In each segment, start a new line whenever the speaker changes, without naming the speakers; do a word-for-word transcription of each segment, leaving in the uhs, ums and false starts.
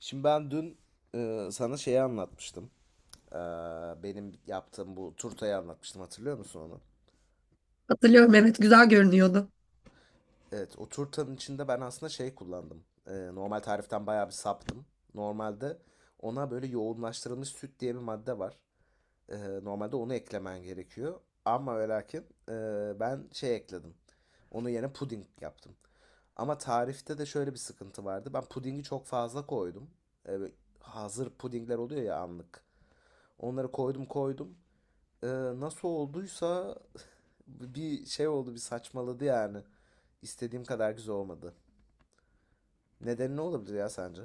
Şimdi ben dün e, sana şeyi anlatmıştım. E, benim yaptığım bu turtayı anlatmıştım. Hatırlıyor musun onu?
Hatırlıyorum, evet, güzel görünüyordu.
Evet, o turtanın içinde ben aslında şey kullandım. E, normal tariften bayağı bir saptım. Normalde ona böyle yoğunlaştırılmış süt diye bir madde var. E, normalde onu eklemen gerekiyor. Ama ve lakin e, ben şey ekledim. Onu yerine puding yaptım. Ama tarifte de şöyle bir sıkıntı vardı. Ben pudingi çok fazla koydum. E, böyle hazır pudingler oluyor ya anlık. Onları koydum koydum. Ee, nasıl olduysa bir şey oldu bir saçmaladı yani. İstediğim kadar güzel olmadı. Nedeni ne olabilir ya sence?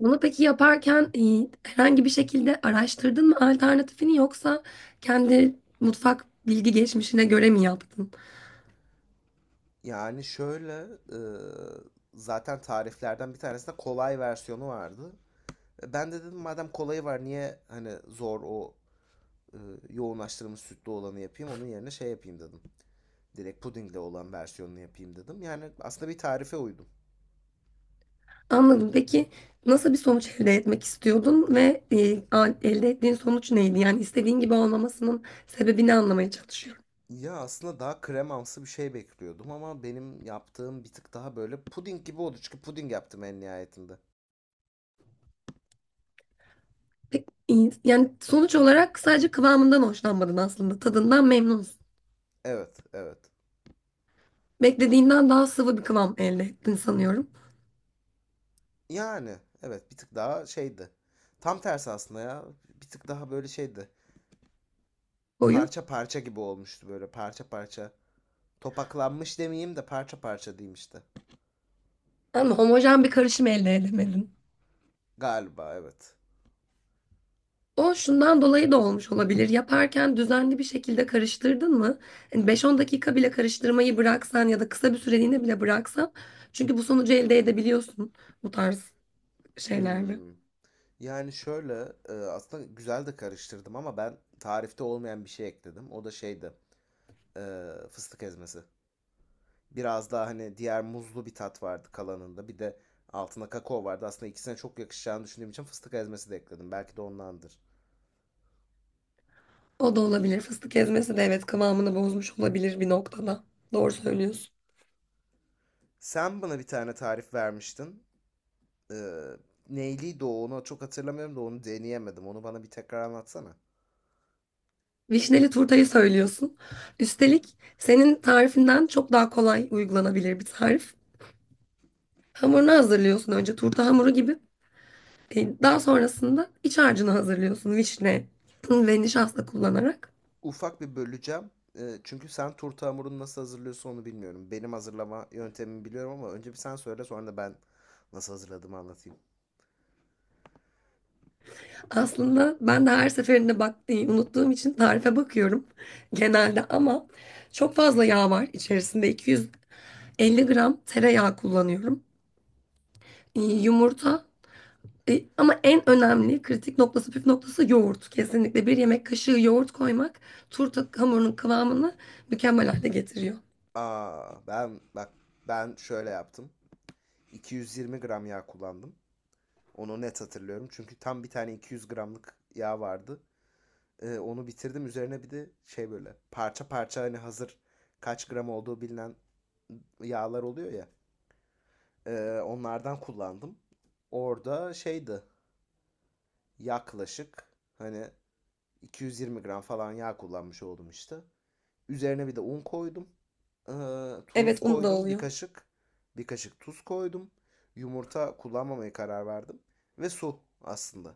Bunu peki yaparken e, herhangi bir şekilde araştırdın mı alternatifini, yoksa kendi mutfak bilgi geçmişine göre mi yaptın?
Yani şöyle e, zaten tariflerden bir tanesinde kolay versiyonu vardı. E, Ben de dedim madem kolayı var niye hani zor o e, yoğunlaştırılmış sütlü olanı yapayım onun yerine şey yapayım dedim. Direkt pudingle olan versiyonunu yapayım dedim. Yani aslında bir tarife uydum.
Anladım. Peki nasıl bir sonuç elde etmek istiyordun ve e, al- elde ettiğin sonuç neydi? Yani istediğin gibi olmamasının sebebini anlamaya çalışıyorum.
Ya aslında daha kremamsı bir şey bekliyordum ama benim yaptığım bir tık daha böyle puding gibi oldu. Çünkü puding yaptım en nihayetinde.
Peki, e, yani sonuç olarak sadece kıvamından hoşlanmadın aslında. Tadından memnunsun.
Evet, evet.
Beklediğinden daha sıvı bir kıvam elde ettin sanıyorum.
Yani evet bir tık daha şeydi. Tam tersi aslında ya. Bir tık daha böyle şeydi.
Koyu.
Parça parça gibi olmuştu böyle parça parça. Topaklanmış demeyeyim de parça parça diyeyim işte.
Ama homojen bir karışım elde edemedin.
Galiba evet.
O şundan dolayı da olmuş olabilir. Yaparken düzenli bir şekilde karıştırdın mı? Hani beş on dakika bile karıştırmayı bıraksan ya da kısa bir süreliğine bile bıraksan. Çünkü bu sonucu elde edebiliyorsun bu tarz şeylerle.
Hmm. Yani şöyle e, aslında güzel de karıştırdım ama ben tarifte olmayan bir şey ekledim. O da şeydi. e, Fıstık ezmesi. Biraz daha hani diğer muzlu bir tat vardı kalanında. Bir de altına kakao vardı. Aslında ikisine çok yakışacağını düşündüğüm için fıstık ezmesi de ekledim. Belki de ondandır.
O da olabilir. Fıstık ezmesi de, evet, kıvamını bozmuş olabilir bir noktada. Doğru söylüyorsun.
Sen bana bir tane tarif vermiştin. Ee, neyliydi o? Onu çok hatırlamıyorum da onu deneyemedim. Onu bana bir tekrar anlatsana.
Vişneli turtayı söylüyorsun. Üstelik senin tarifinden çok daha kolay uygulanabilir bir tarif. Hamurunu hazırlıyorsun önce, turta hamuru gibi. E, Daha sonrasında iç harcını hazırlıyorsun vişne ve nişasta kullanarak.
Ufak bir böleceğim. Ee, çünkü sen turta hamurunu nasıl hazırlıyorsun onu bilmiyorum. Benim hazırlama yöntemimi biliyorum ama önce bir sen söyle sonra da ben nasıl hazırladığımı anlatayım.
Aslında ben de her seferinde bak, e, unuttuğum için tarife bakıyorum genelde, ama çok fazla yağ var içerisinde, iki yüz elli gram tereyağı kullanıyorum. E, Yumurta, e, ama en önemli kritik noktası, püf noktası yoğurt. Kesinlikle bir yemek kaşığı yoğurt koymak turta hamurunun kıvamını mükemmel hale getiriyor.
Aa, ben bak ben şöyle yaptım. 220 gram yağ kullandım. Onu net hatırlıyorum. Çünkü tam bir tane 200 gramlık yağ vardı. Ee, onu bitirdim. Üzerine bir de şey böyle parça parça hani hazır kaç gram olduğu bilinen yağlar oluyor ya. Ee, onlardan kullandım. Orada şeydi yaklaşık hani 220 gram falan yağ kullanmış oldum işte. Üzerine bir de un koydum. Ee, tuz
Evet, onu da
koydum bir
oluyor.
kaşık. Bir kaşık tuz koydum. Yumurta kullanmamaya karar verdim. Ve su aslında.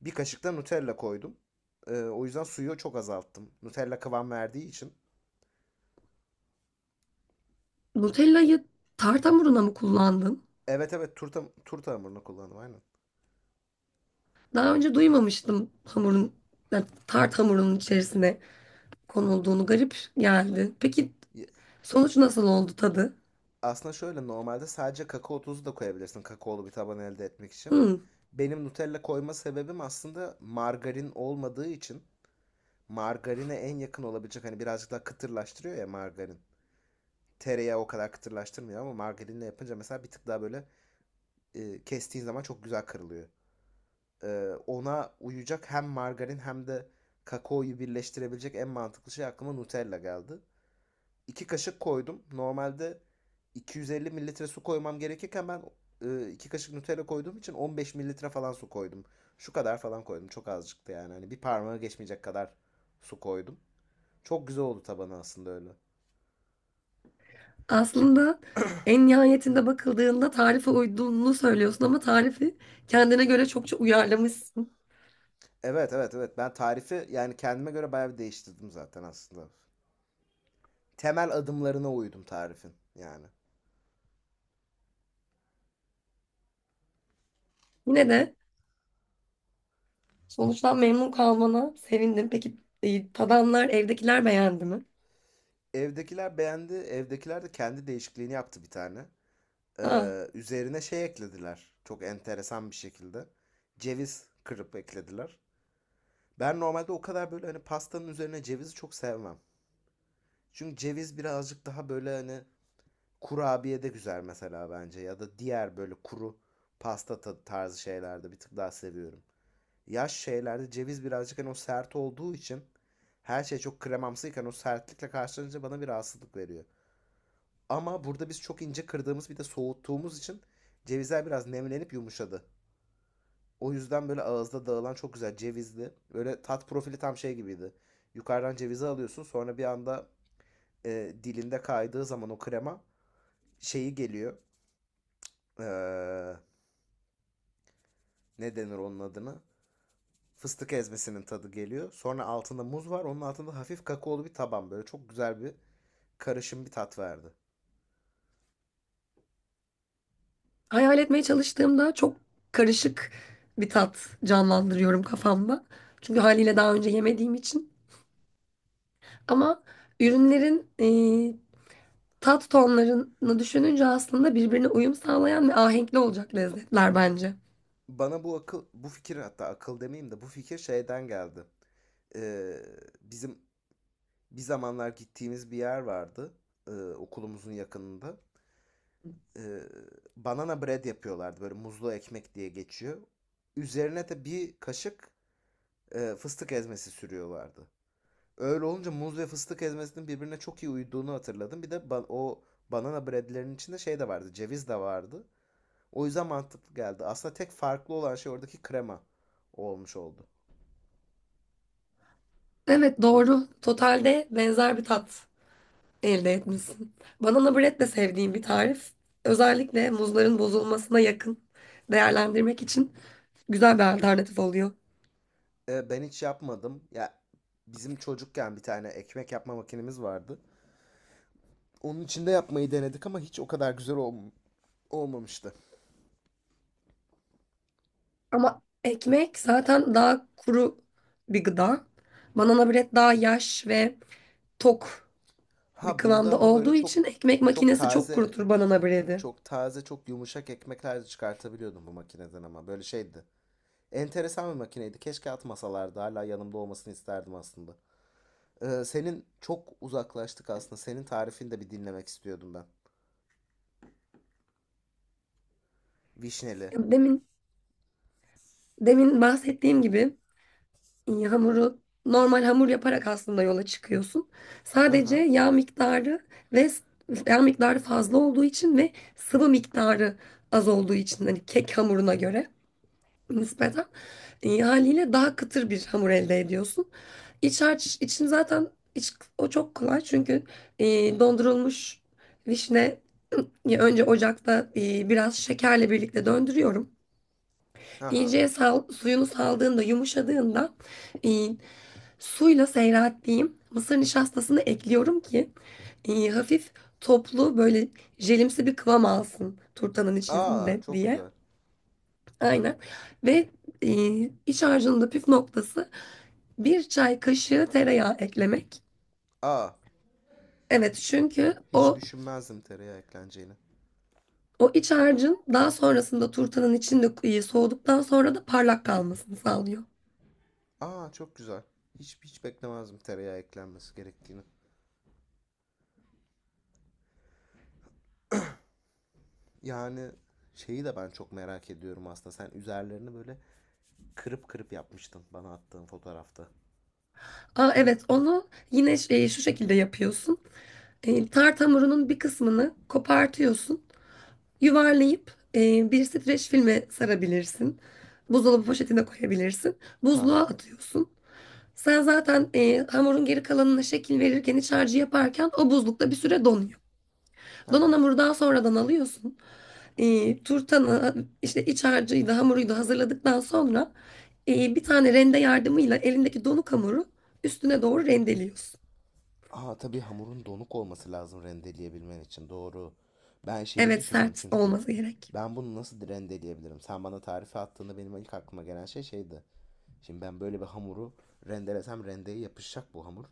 Bir kaşık da Nutella koydum. Ee, o yüzden suyu çok azalttım. Nutella kıvam verdiği için.
Nutella'yı tart hamuruna mı kullandın?
Evet, evet, turta, turta hamurunu kullandım aynen.
Daha önce duymamıştım hamurun, yani tart hamurunun içerisine konulduğunu. Garip geldi. Peki sonuç nasıl oldu, tadı?
Aslında şöyle normalde sadece kakao tozu da koyabilirsin kakaolu bir taban elde etmek için.
Hmm.
Benim Nutella koyma sebebim aslında margarin olmadığı için margarine en yakın olabilecek hani birazcık daha kıtırlaştırıyor ya margarin. Tereyağı o kadar kıtırlaştırmıyor ama margarinle yapınca mesela bir tık daha böyle e, kestiğin zaman çok güzel kırılıyor. E, ona uyacak hem margarin hem de kakaoyu birleştirebilecek en mantıklı şey aklıma Nutella geldi. 2 kaşık koydum. Normalde 250 mililitre su koymam gerekirken ben iki kaşık Nutella koyduğum için 15 mililitre falan su koydum. Şu kadar falan koydum. Çok azıcıktı yani. Hani bir parmağı geçmeyecek kadar su koydum. Çok güzel oldu tabanı aslında öyle.
Aslında en nihayetinde bakıldığında tarife uyduğunu söylüyorsun, ama tarifi kendine göre çokça uyarlamışsın.
Evet, evet, evet. Ben tarifi yani kendime göre bayağı bir değiştirdim zaten aslında. Temel adımlarına uydum tarifin yani.
Yine de sonuçtan memnun kalmana sevindim. Peki, e, tadanlar, evdekiler beğendi mi?
Evdekiler beğendi. Evdekiler de kendi değişikliğini yaptı bir tane.
Aa,
Ee, üzerine şey eklediler. Çok enteresan bir şekilde. Ceviz kırıp eklediler. Ben normalde o kadar böyle hani pastanın üzerine cevizi çok sevmem. Çünkü ceviz birazcık daha böyle hani kurabiye de güzel mesela bence. Ya da diğer böyle kuru pasta ta- tarzı şeylerde bir tık daha seviyorum. Yaş şeylerde ceviz birazcık hani o sert olduğu için her şey çok kremamsıyken o sertlikle karşılanınca bana bir rahatsızlık veriyor. Ama burada biz çok ince kırdığımız bir de soğuttuğumuz için cevizler biraz nemlenip yumuşadı. O yüzden böyle ağızda dağılan çok güzel cevizli. Böyle tat profili tam şey gibiydi. Yukarıdan cevizi alıyorsun sonra bir anda e, dilinde kaydığı zaman o krema şeyi geliyor. Eee, ne denir onun adını? Fıstık ezmesinin tadı geliyor. Sonra altında muz var. Onun altında hafif kakaolu bir taban. Böyle çok güzel bir karışım bir tat verdi.
hayal etmeye çalıştığımda çok karışık bir tat canlandırıyorum kafamda. Çünkü haliyle daha önce yemediğim için. Ama ürünlerin e, tat tonlarını düşününce aslında birbirine uyum sağlayan ve ahenkli olacak lezzetler bence.
Bana bu akıl, bu fikir, hatta akıl demeyeyim de bu fikir şeyden geldi. Ee, bizim bir zamanlar gittiğimiz bir yer vardı ee, okulumuzun yakınında. Ee, banana bread yapıyorlardı, böyle muzlu ekmek diye geçiyor. Üzerine de bir kaşık e, fıstık ezmesi sürüyorlardı. Öyle olunca muz ve fıstık ezmesinin birbirine çok iyi uyduğunu hatırladım. Bir de ba- o banana breadlerin içinde şey de vardı, ceviz de vardı. O yüzden mantıklı geldi. Aslında tek farklı olan şey oradaki krema olmuş oldu.
Evet, doğru. Totalde benzer bir tat elde etmişsin. Banana bread de sevdiğim bir tarif. Özellikle muzların bozulmasına yakın değerlendirmek için güzel bir alternatif oluyor.
E, ben hiç yapmadım. Ya bizim çocukken bir tane ekmek yapma makinemiz vardı. Onun içinde yapmayı denedik ama hiç o kadar güzel olm- olmamıştı.
Ama ekmek zaten daha kuru bir gıda. Banana bread daha yaş ve tok bir
Ha bunda
kıvamda
ama böyle
olduğu
çok
için ekmek
çok
makinesi çok
taze,
kurutur banana bread'i.
çok taze, çok yumuşak ekmekler de çıkartabiliyordum bu makineden ama böyle şeydi. Enteresan bir makineydi. Keşke atmasalardı. Hala yanımda olmasını isterdim aslında. E, senin çok uzaklaştık aslında. Senin tarifini de bir dinlemek istiyordum ben. Vişneli.
Demin demin bahsettiğim gibi, e, hamuru normal hamur yaparak aslında yola çıkıyorsun.
Hı
Sadece
hı.
yağ miktarı ve s- yağ miktarı fazla olduğu için ve sıvı miktarı az olduğu için, hani kek hamuruna göre nispeten, e, haliyle daha kıtır bir hamur elde ediyorsun. İç harç için zaten iç, o çok kolay, çünkü e, dondurulmuş vişne, e, önce ocakta e, biraz şekerle birlikte döndürüyorum.
Hı hı.
İyice sal- suyunu saldığında, yumuşadığında, e, suyla seyrettiğim mısır nişastasını ekliyorum ki e, hafif toplu, böyle jelimsi bir kıvam alsın turtanın
Aa,
içinde
çok
diye.
güzel.
Aynen. Ve e, iç harcının da püf noktası bir çay kaşığı tereyağı eklemek.
Aa.
Evet, çünkü
Hiç
o
düşünmezdim tereyağı ekleneceğini.
o iç harcın daha sonrasında turtanın içinde e, soğuduktan sonra da parlak kalmasını sağlıyor.
Aa, çok güzel. Hiç hiç beklemezdim tereyağı eklenmesi gerektiğini. Yani şeyi de ben çok merak ediyorum aslında. Sen üzerlerini böyle kırıp kırıp yapmıştın bana attığın fotoğrafta.
Aa, evet, onu yine şey, şu şekilde yapıyorsun. E, tart hamurunun bir kısmını kopartıyorsun. Yuvarlayıp e, bir streç filme sarabilirsin. Buzdolabı poşetine koyabilirsin.
Ha
Buzluğa
ha.
atıyorsun. Sen zaten e, hamurun geri kalanına şekil verirken, iç harcı yaparken, o buzlukta bir süre donuyor.
Ha
Donan
ha.
hamuru daha sonradan alıyorsun. E, turtanı işte iç harcıyı da hamuruyu da hazırladıktan sonra, e, bir tane rende yardımıyla elindeki donuk hamuru üstüne doğru rendeliyorsun.
Aa, tabii hamurun donuk olması lazım rendeleyebilmen için. Doğru. Ben şeyi
Evet,
düşündüm
sert
çünkü.
olması gerek.
Ben bunu nasıl rendeleyebilirim? Sen bana tarifi attığında benim ilk aklıma gelen şey şeydi. Şimdi ben böyle bir hamuru rendelesem rendeye yapışacak bu hamur.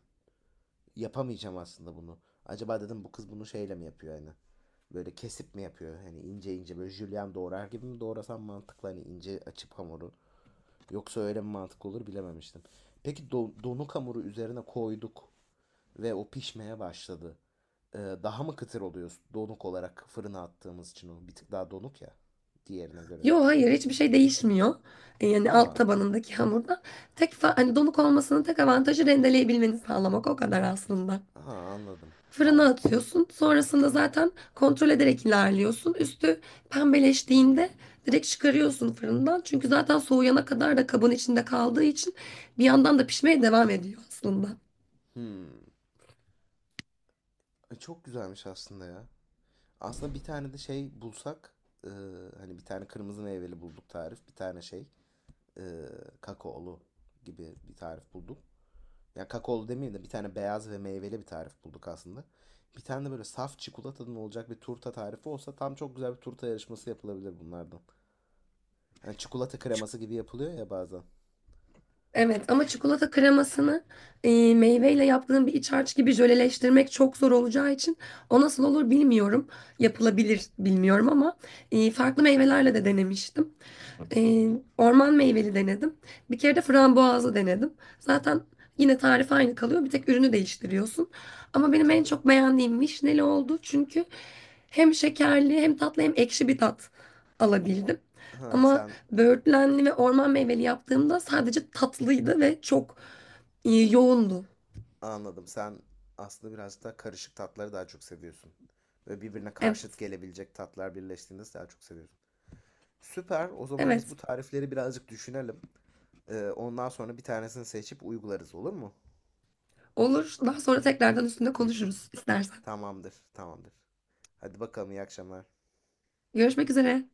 Yapamayacağım aslında bunu. Acaba dedim bu kız bunu şeyle mi yapıyor hani? Böyle kesip mi yapıyor? Hani ince ince böyle jülyen doğrar gibi mi doğrasam mantıklı, hani ince açıp hamuru. Yoksa öyle mi mantıklı olur bilememiştim. Peki do- donuk hamuru üzerine koyduk ve o pişmeye başladı. Ee, daha mı kıtır oluyor donuk olarak fırına attığımız için, o bir tık daha donuk ya diğerine göre.
Yo, hayır, hiçbir şey değişmiyor. E, Yani
Aa,
alt tabanındaki hamurda tek fa- hani donuk olmasının tek avantajı rendeleyebilmeni sağlamak, o kadar aslında.
aha, anladım.
Fırına
Tamam.
atıyorsun. Sonrasında zaten kontrol ederek ilerliyorsun. Üstü pembeleştiğinde direkt çıkarıyorsun fırından. Çünkü zaten soğuyana kadar da kabın içinde kaldığı için bir yandan da pişmeye devam ediyor aslında.
Hmm. E, Çok güzelmiş aslında ya. Aslında bir tane de şey bulsak e, hani bir tane kırmızı meyveli bulduk tarif. Bir tane şey e, kakaolu gibi bir tarif bulduk. Ya yani kakaolu demeyeyim de bir tane beyaz ve meyveli bir tarif bulduk aslında. Bir tane de böyle saf çikolatadan olacak bir turta tarifi olsa tam çok güzel bir turta yarışması yapılabilir bunlardan. Yani çikolata kreması gibi yapılıyor ya bazen.
Evet, ama çikolata kremasını e, meyveyle yaptığım bir iç harç gibi jöleleştirmek çok zor olacağı için o nasıl olur bilmiyorum. Yapılabilir, bilmiyorum, ama e, farklı meyvelerle de denemiştim.
Hı
Ee,
hı.
Orman meyveli denedim. Bir kere de frambuazlı denedim. Zaten yine tarif aynı kalıyor. Bir tek ürünü değiştiriyorsun. Ama benim en
Tabii.
çok beğendiğim vişneli oldu. Çünkü hem şekerli, hem tatlı, hem ekşi bir tat alabildim.
Ha
Ama
sen,
böğürtlenli ve orman meyveli yaptığımda sadece tatlıydı ve çok e, yoğundu.
anladım. Sen aslında birazcık daha karışık tatları daha çok seviyorsun. Böyle birbirine karşıt
Evet,
gelebilecek tatlar birleştiğinde daha çok seviyorsun. Süper. O zaman biz
evet.
bu tarifleri birazcık düşünelim. Ee, ondan sonra bir tanesini seçip uygularız, olur mu?
Olur. Daha sonra tekrardan üstünde konuşuruz istersen.
Tamamdır, tamamdır. Hadi bakalım, iyi akşamlar.
Görüşmek üzere.